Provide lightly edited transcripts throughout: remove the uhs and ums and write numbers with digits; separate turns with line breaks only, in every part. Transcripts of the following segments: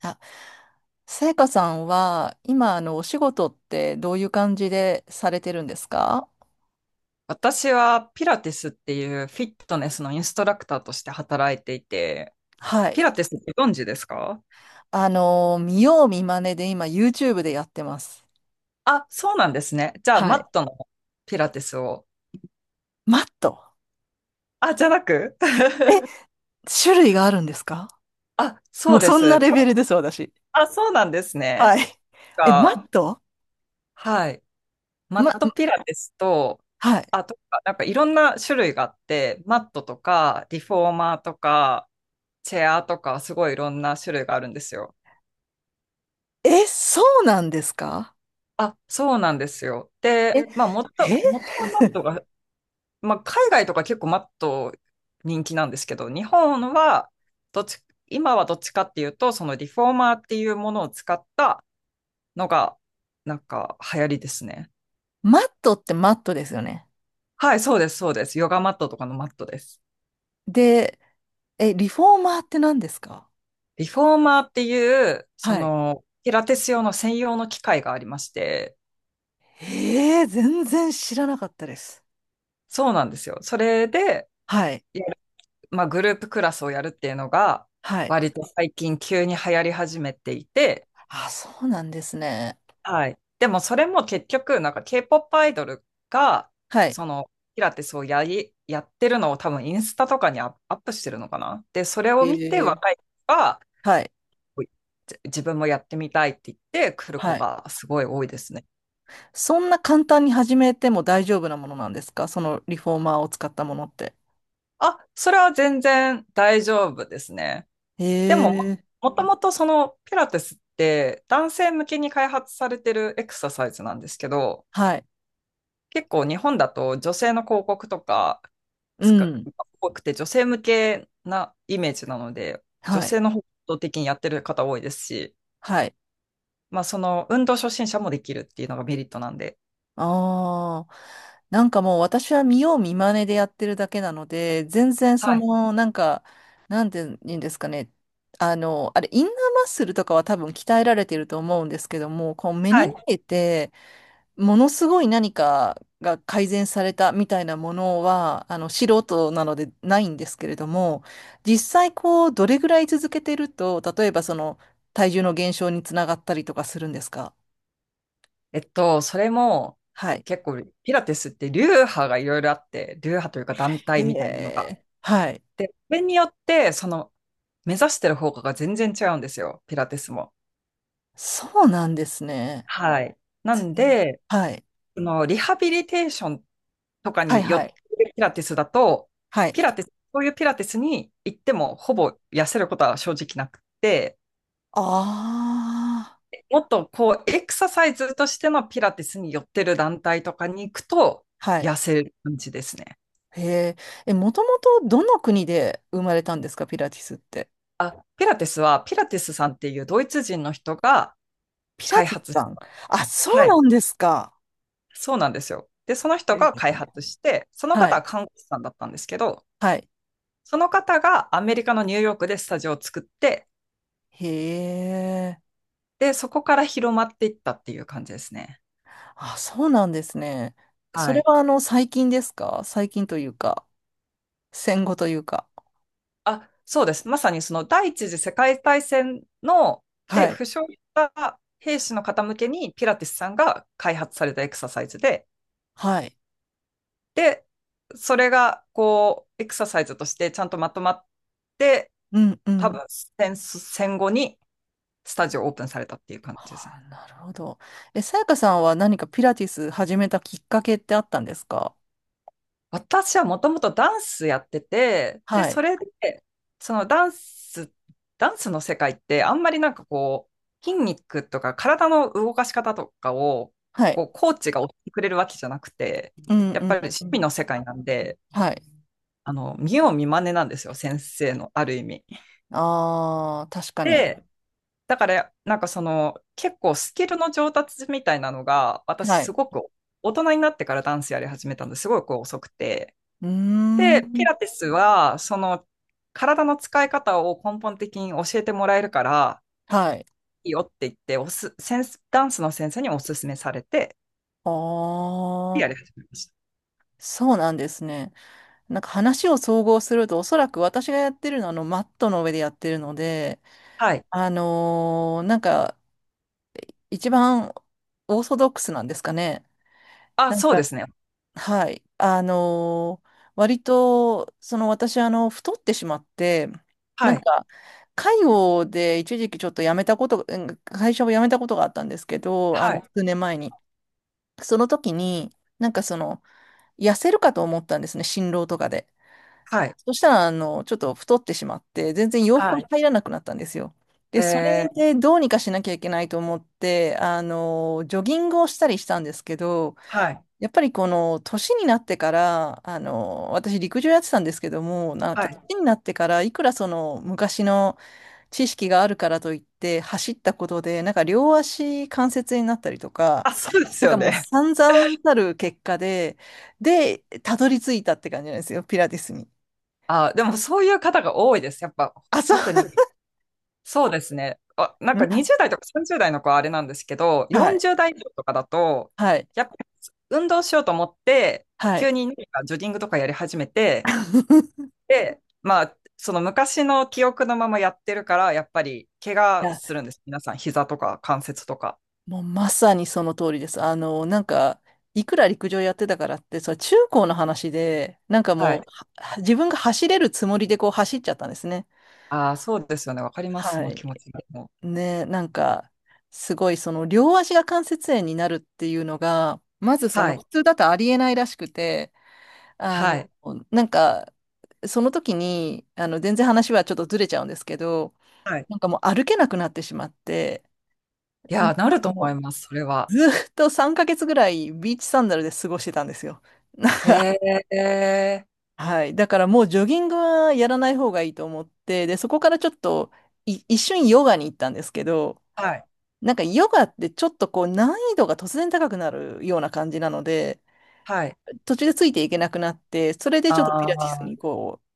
あ、さやかさんは、今、あの、お仕事ってどういう感じでされてるんですか？
私はピラティスっていうフィットネスのインストラクターとして働いていて、
は
ピ
い。
ラティスってご存知ですか？
あの、見よう見まねで今、YouTube でやってます。
あ、そうなんですね。じゃあ、
は
マ
い。
ットのピラティスを。
マット。
あ、じゃなく
え、種類があるんですか？
あ、そ
もう
うで
そんな
す。
レベルです、私。
あ、そうなんですね。
はい。え、マ
が、
ット。
はい。マッ
ま、
トピラティスと、
はい。
あとか、なんかいろんな種類があって、マットとか、リフォーマーとか、チェアとか、すごいいろんな種類があるんですよ。
え、そうなんですか？
あ、そうなんですよ。
え、
で、まあ、元、
え、
元はマットが、まあ、海外とか結構マット人気なんですけど、日本はどっち、今はどっちかっていうと、そのリフォーマーっていうものを使ったのが、なんか流行りですね。
マットってマットですよね。
はい、そうです、そうです。ヨガマットとかのマットです。
で、え、リフォーマーって何ですか？
リフォーマーっていう、そ
はい。
の、ピラティス用の専用の機械がありまして、
ええ全然知らなかったです。
そうなんですよ。それで、
はい。
やるまあ、グループクラスをやるっていうのが、
はい。
割と最近急に流行り始めていて、
あ、そうなんですね。
はい。でもそれも結局、なんか K-POP アイドルが、
はい。
その、ピラティスをやってるのを多分インスタとかにアップしてるのかな。で、それを見て
え
若
え。
い子が、
はい。
自分もやってみたいって言って来る子
はい。
がすごい多いですね。
そんな簡単に始めても大丈夫なものなんですか、そのリフォーマーを使ったものって。
あ、それは全然大丈夫ですね。
へ
でも、
え。
もともとそのピラティスって男性向けに開発されてるエクササイズなんですけど、
はい。
結構日本だと女性の広告とか、
う
つか
ん。
多くて、女性向けなイメージなので、女
はい。
性の方向的にやってる方多いですし、
はい。
まあ、その運動初心者もできるっていうのがメリットなんで。
ああ。なんかもう私は見よう見まねでやってるだけなので、全然そ
はい。
の、なんか、なんて言うんですかね。あの、あれ、インナーマッスルとかは多分鍛えられてると思うんですけども、こう目
は
に
い。
見えて、ものすごい何かが改善されたみたいなものは、あの、素人なのでないんですけれども、実際こう、どれぐらい続けてると、例えばその、体重の減少につながったりとかするんですか？
それも
はい。
結構、ピラティスって流派がいろいろあって、流派というか団
へ
体みたいなのが。
え。はい。
で、それによって、その目指してる方向が全然違うんですよ、ピラティスも。
そうなんですね。
はい。なんで、
はい。
そのリハビリテーションとか
はい、
に寄っ
は
て
い。
るピラティスだと、
はい。
ピラティス、そういうピラティスに行ってもほぼ痩せることは正直なくて、
ああ。
もっとこうエクササイズとしてのピラティスに寄ってる団体とかに行くと
はい。
痩せる感じですね。
へえ。え、もともとどの国で生まれたんですか、ピラティスって。
あ、ピラティスはピラティスさんっていうドイツ人の人が
ピラ
開
ティス
発し
さん。
た。
あ、そ
は
う
い、
なんですか。
そうなんですよ。で、その人
へ
が開
え。
発して、その
は
方
い。
は看護師さんだったんですけど、
はい。
その方がアメリカのニューヨークでスタジオを作って、
へえ。
で、そこから広まっていったっていう感じですね。
あ、そうなんですね。そ
は
れ
い。
はあの、最近ですか？最近というか、戦後というか。
あ、そうです。まさにその第一次世界大戦の、
は
で、
い。
負傷した兵士の方向けにピラティスさんが開発されたエクササイズで、
はい。
で、それがこう、エクササイズとしてちゃんとまとまって、
うんう
多
ん。
分戦後にスタジオをオープンされたっていう感じですね。
あ、なるほど。え、さやかさんは何かピラティス始めたきっかけってあったんですか？
私はもともとダンスやってて、で、
は
そ
い。
れで、そのダンス、ダンスの世界ってあんまりなんかこう、筋肉とか体の動かし方とかを、
はい。
こう、コーチが教えてくれるわけじゃなくて、
うん
や
う
っぱ
ん
り
う
趣味
ん。
の世界なんで、
はい。
見よう見まねなんですよ、先生の、ある意味。
ああ、確かに。
で、だから、なんかその、結構スキルの上達みたいなのが、私
はい。
すごく大人になってからダンスやり始めたんですごいこう遅くて、
うー
で、ピ
ん。
ラティスは、その、体の使い方を根本的に教えてもらえるから、
はい。
いいよって言って、ダンスの先生にお勧めされて、
あ
や
あ、
り始めまし
そうなんですね。なんか話を総合すると、おそらく私がやってるのはあのマットの上でやってるので、
た。はい。
あのーなんか一番オーソドックスなんですかね。
あ、
なん
そうで
か、
すね。
はい。あのー割と、その私あの太ってしまって、なん
はい。
か介護で一時期ちょっと辞めたこと、うん会社を辞めたことがあったんですけど、あ
は
の
い。
数年前に。その時に、なんかその痩せるかと思ったんですね、心労とかで。
はい。
そしたら、あの、ちょっと太ってしまって、全然洋服
は
が
い。
入らなくなったんですよ。で、そ
え
れ
ー、
でどうにかしなきゃいけないと思って、あの、ジョギングをしたりしたんですけど、
はい。
やっぱりこの、年になってから、あの、私陸上やってたんですけども、なん
は
か年
い。
になってから、いくらその、昔の知識があるからといって、走ったことで、なんか両足関節になったりとか、
あ、そうです
なんか
よ
もう
ね。
散々たる結果で、で、たどり着いたって感じなんですよ、ピラティスに。
あ、でもそういう方が多いです。やっぱ、
あ、そう。
特にそうですね。あ、なんか 20代とか30代の子はあれなんですけど、
はい、
40代以上とかだと、
はい、
やっぱり運動しようと思って、
は
急
い。
に何かジョギングとかやり始めて、で、まあ、その昔の記憶のままやってるから、やっぱり怪
い
我
や、
するんです。皆さん、膝とか関節とか。
もうまさにその通りです。あの、なんか、いくら陸上やってたからって、それ中高の話で、なんか
は
も
い。
う、自分が走れるつもりでこう走っちゃったんですね。
ああ、そうですよね。わかります。そ
は
の気持
い。
ちがも
ね、なんか、すごいその両足が関節炎になるっていうのが、まず
う。
そ
は
の
い。
普通だとありえないらしくて、あ
は
の、
い。
なんか、その時に、あの、全然話はちょっとずれちゃうんですけど、
はい。
なんかもう歩けなくなってしまって、
い
な
や
ん
ー、
か
なると思い
も
ます。それ
う
は。
ずーっと3ヶ月ぐらいビーチサンダルで過ごしてたんですよ。
へ えー。
はい。だからもうジョギングはやらない方がいいと思って、で、そこからちょっと一瞬ヨガに行ったんですけど、
はい。
なんかヨガってちょっとこう難易度が突然高くなるような感じなので、
はい。
途中でついていけなくなって、それでち
あ
ょっとピラティスに
あ。
こう、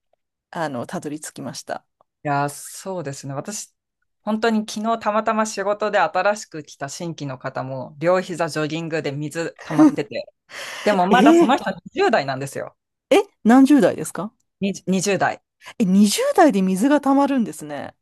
あの、たどり着きました。
いやー、そうですね。私、本当に昨日たまたま仕事で新しく来た新規の方も、両膝ジョギングで水溜まってて、でも
え
まだその
ー、
人20代なんですよ。
え、何十代ですか？
20代。
え、20代で水が溜まるんですね。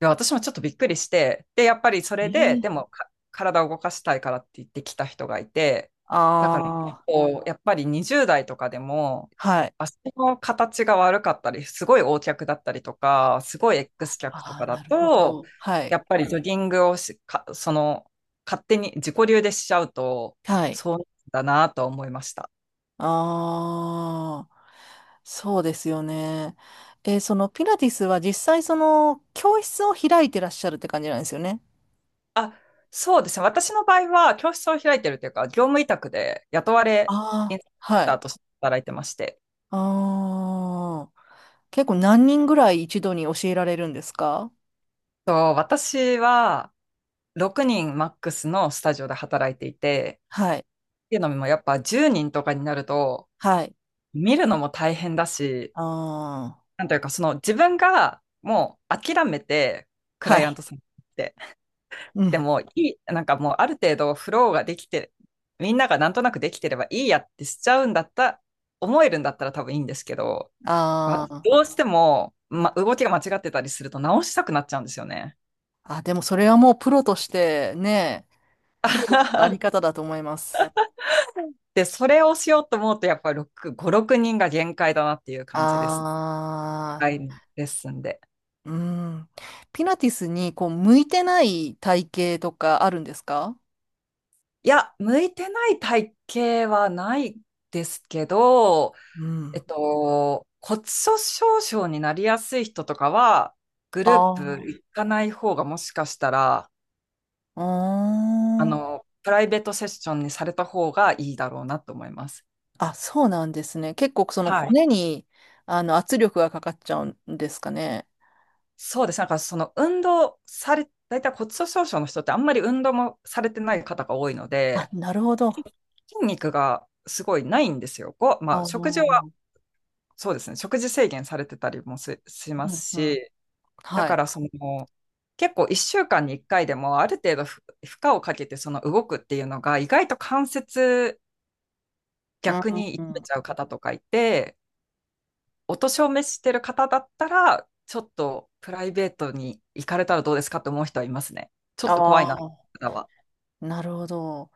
や、私もちょっとびっくりして、で、やっぱりそれで、で
ええ。
も体を動かしたいからって言ってきた人がいて、だから結
あ
構、やっぱり20代とかでも、
あ、はい。
足の形が悪かったり、すごい O 脚だったりとか、すごい X 脚と
あ
か
あ、
だ
なるほ
と、
ど。はい。
やっぱりジョギングをし、か、その、勝手に自己流でしちゃうと、
はい。
そうだなと思いました。
ああ、そうですよね。えーそのピラティスは実際その教室を開いてらっしゃるって感じなんですよね。
そうですね。私の場合は、教室を開いてるというか、業務委託で雇われイ
ああ、
ンストラク
は
タ
い。
ーとして働いてまして、
ああ、結構何人ぐらい一度に教えられるんですか？
私は6人マックスのスタジオで働いていて、
はい。
っていうのもやっぱ10人とかになると
はい。
見るのも大変だし、
ああ、
なんというかその自分がもう諦めてク
は
ライアン
い。
トさんに行って、
う
で
ん。
もいい、なんかもうある程度フローができて、みんながなんとなくできてればいいやってしちゃうんだった、思えるんだったら多分いいんですけど、まあ
あー。
どうしても、動きが間違ってたりすると直したくなっちゃうんですよね。
あ、でもそれはもうプロとしてね、プロとしてのあり 方だと思います。
で、それをしようと思うと、やっぱり6、5、6人が限界だなっていう感じです。
あ
はい。
あ、
レッスンで。
うん。ピラティスにこう向いてない体型とかあるんですか？
いや、向いてない体型はないですけど、
うん。
骨粗鬆症になりやすい人とかは、グ
あ
ループ
あ。
行かない方がもしかしたら、
あーん。
プライベートセッションにされた方がいいだろうなと思います。
あ、そうなんですね。結構その
はい。
骨にあの圧力がかかっちゃうんですかね。
そうです。なんかその運動され、大体骨粗鬆症の人ってあんまり運動もされてない方が多いの
あ、
で、
なるほど。あ
筋肉がすごいないんですよ。ま
あ。
あ、食事は、
う
そうですね、食事制限されてたりもしま
ん
す
うん。
し、だ
は
か
い。
らその、結構1週間に1回でもある程度負荷をかけてその動くっていうのが意外と関節
うん
逆に
う
痛
んう
め
ん。
ちゃう方とかいて、お年を召してる方だったら、ちょっとプライベートに行かれたらどうですかって思う人はいますね。ちょっと怖
あ
いな、
あ、
方は。
なるほど。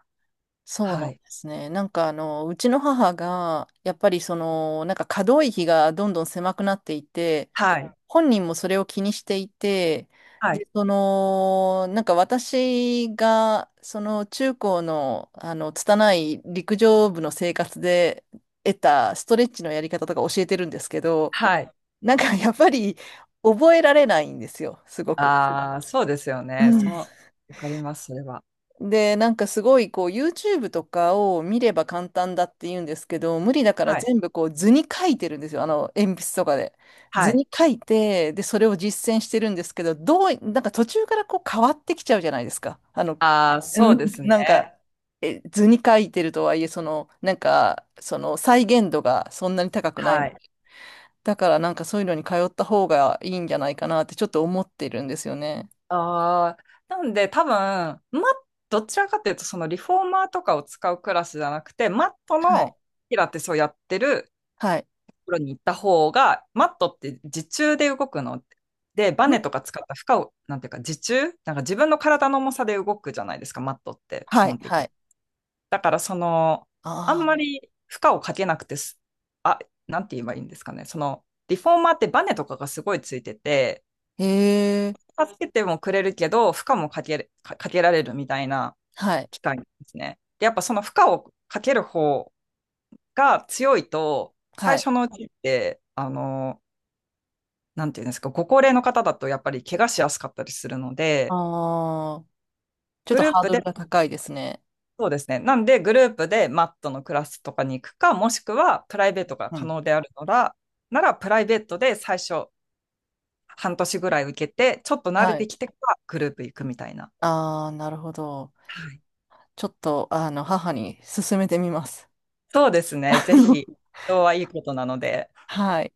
そうな
は
んで
い。
すね。なんかあの、うちの母が、やっぱりその、なんか可動域がどんどん狭くなっていて、
はい。
本人もそれを気にしていて、
はい。
で、その、なんか私が、その中高の、あの、拙い陸上部の生活で得たストレッチのやり方とか教えてるんですけど、
はい。
なんかやっぱり覚えられないんですよ、すごく。
ああ、そうですよ
う
ね。
ん。
わかります、それは。
で、なんかすごいこう YouTube とかを見れば簡単だって言うんですけど、無理だから
はい。
全部こう図に書いてるんですよ。あの鉛筆とかで。
は
図
い。
に書いて、で、それを実践してるんですけど、どう、なんか途中からこう変わってきちゃうじゃないですか。あの、
ああ、
う
そ
ん。
うですね。
なんか、え、図に書いてるとはいえ、その、なんか、その再現度がそんなに高くな
は
い。
い。
だからなんかそういうのに通った方がいいんじゃないかなってちょっと思ってるんですよね。
ああ、なんで多分、ま、どちらかというと、そのリフォーマーとかを使うクラスじゃなくて、マット
は
の
い。
ピラティスをやってる
はい。
ところに行った方が、マットって自重で動くの。で、バ
ん。
ネとか使った負荷を、なんていうか、自重なんか自分の体の重さで動くじゃないですか、マットって基
はい。
本的
は
に。
い。
だからその、あん
あ
ま
あ。
り負荷をかけなくてあ、なんて言えばいいんですかね。その、リフォーマーってバネとかがすごいついてて、
へえ。
助けてもくれるけど、負荷もかけられるみたいな
はい。
機械なんですね。で、やっぱその負荷をかける方が強いと、
は
最
い。
初のうちって、なんていうんですか、ご高齢の方だとやっぱり怪我しやすかったりするので、
ああ、ちょっ
グ
と
ルー
ハー
プ
ドル
で
が高いですね。
そうですね。なんで、グループでマットのクラスとかに行くか、もしくはプライベートが
う
可
ん。
能であるなら、プライベートで最初半年ぐらい受けて、ちょっと慣れ
は
て
い。
きてからグループ行くみたいな。
ああ、なるほど。
はい。
ちょっと、あの、母に勧めてみます。
そうですね。ぜひ、人はいいことなので。
はい。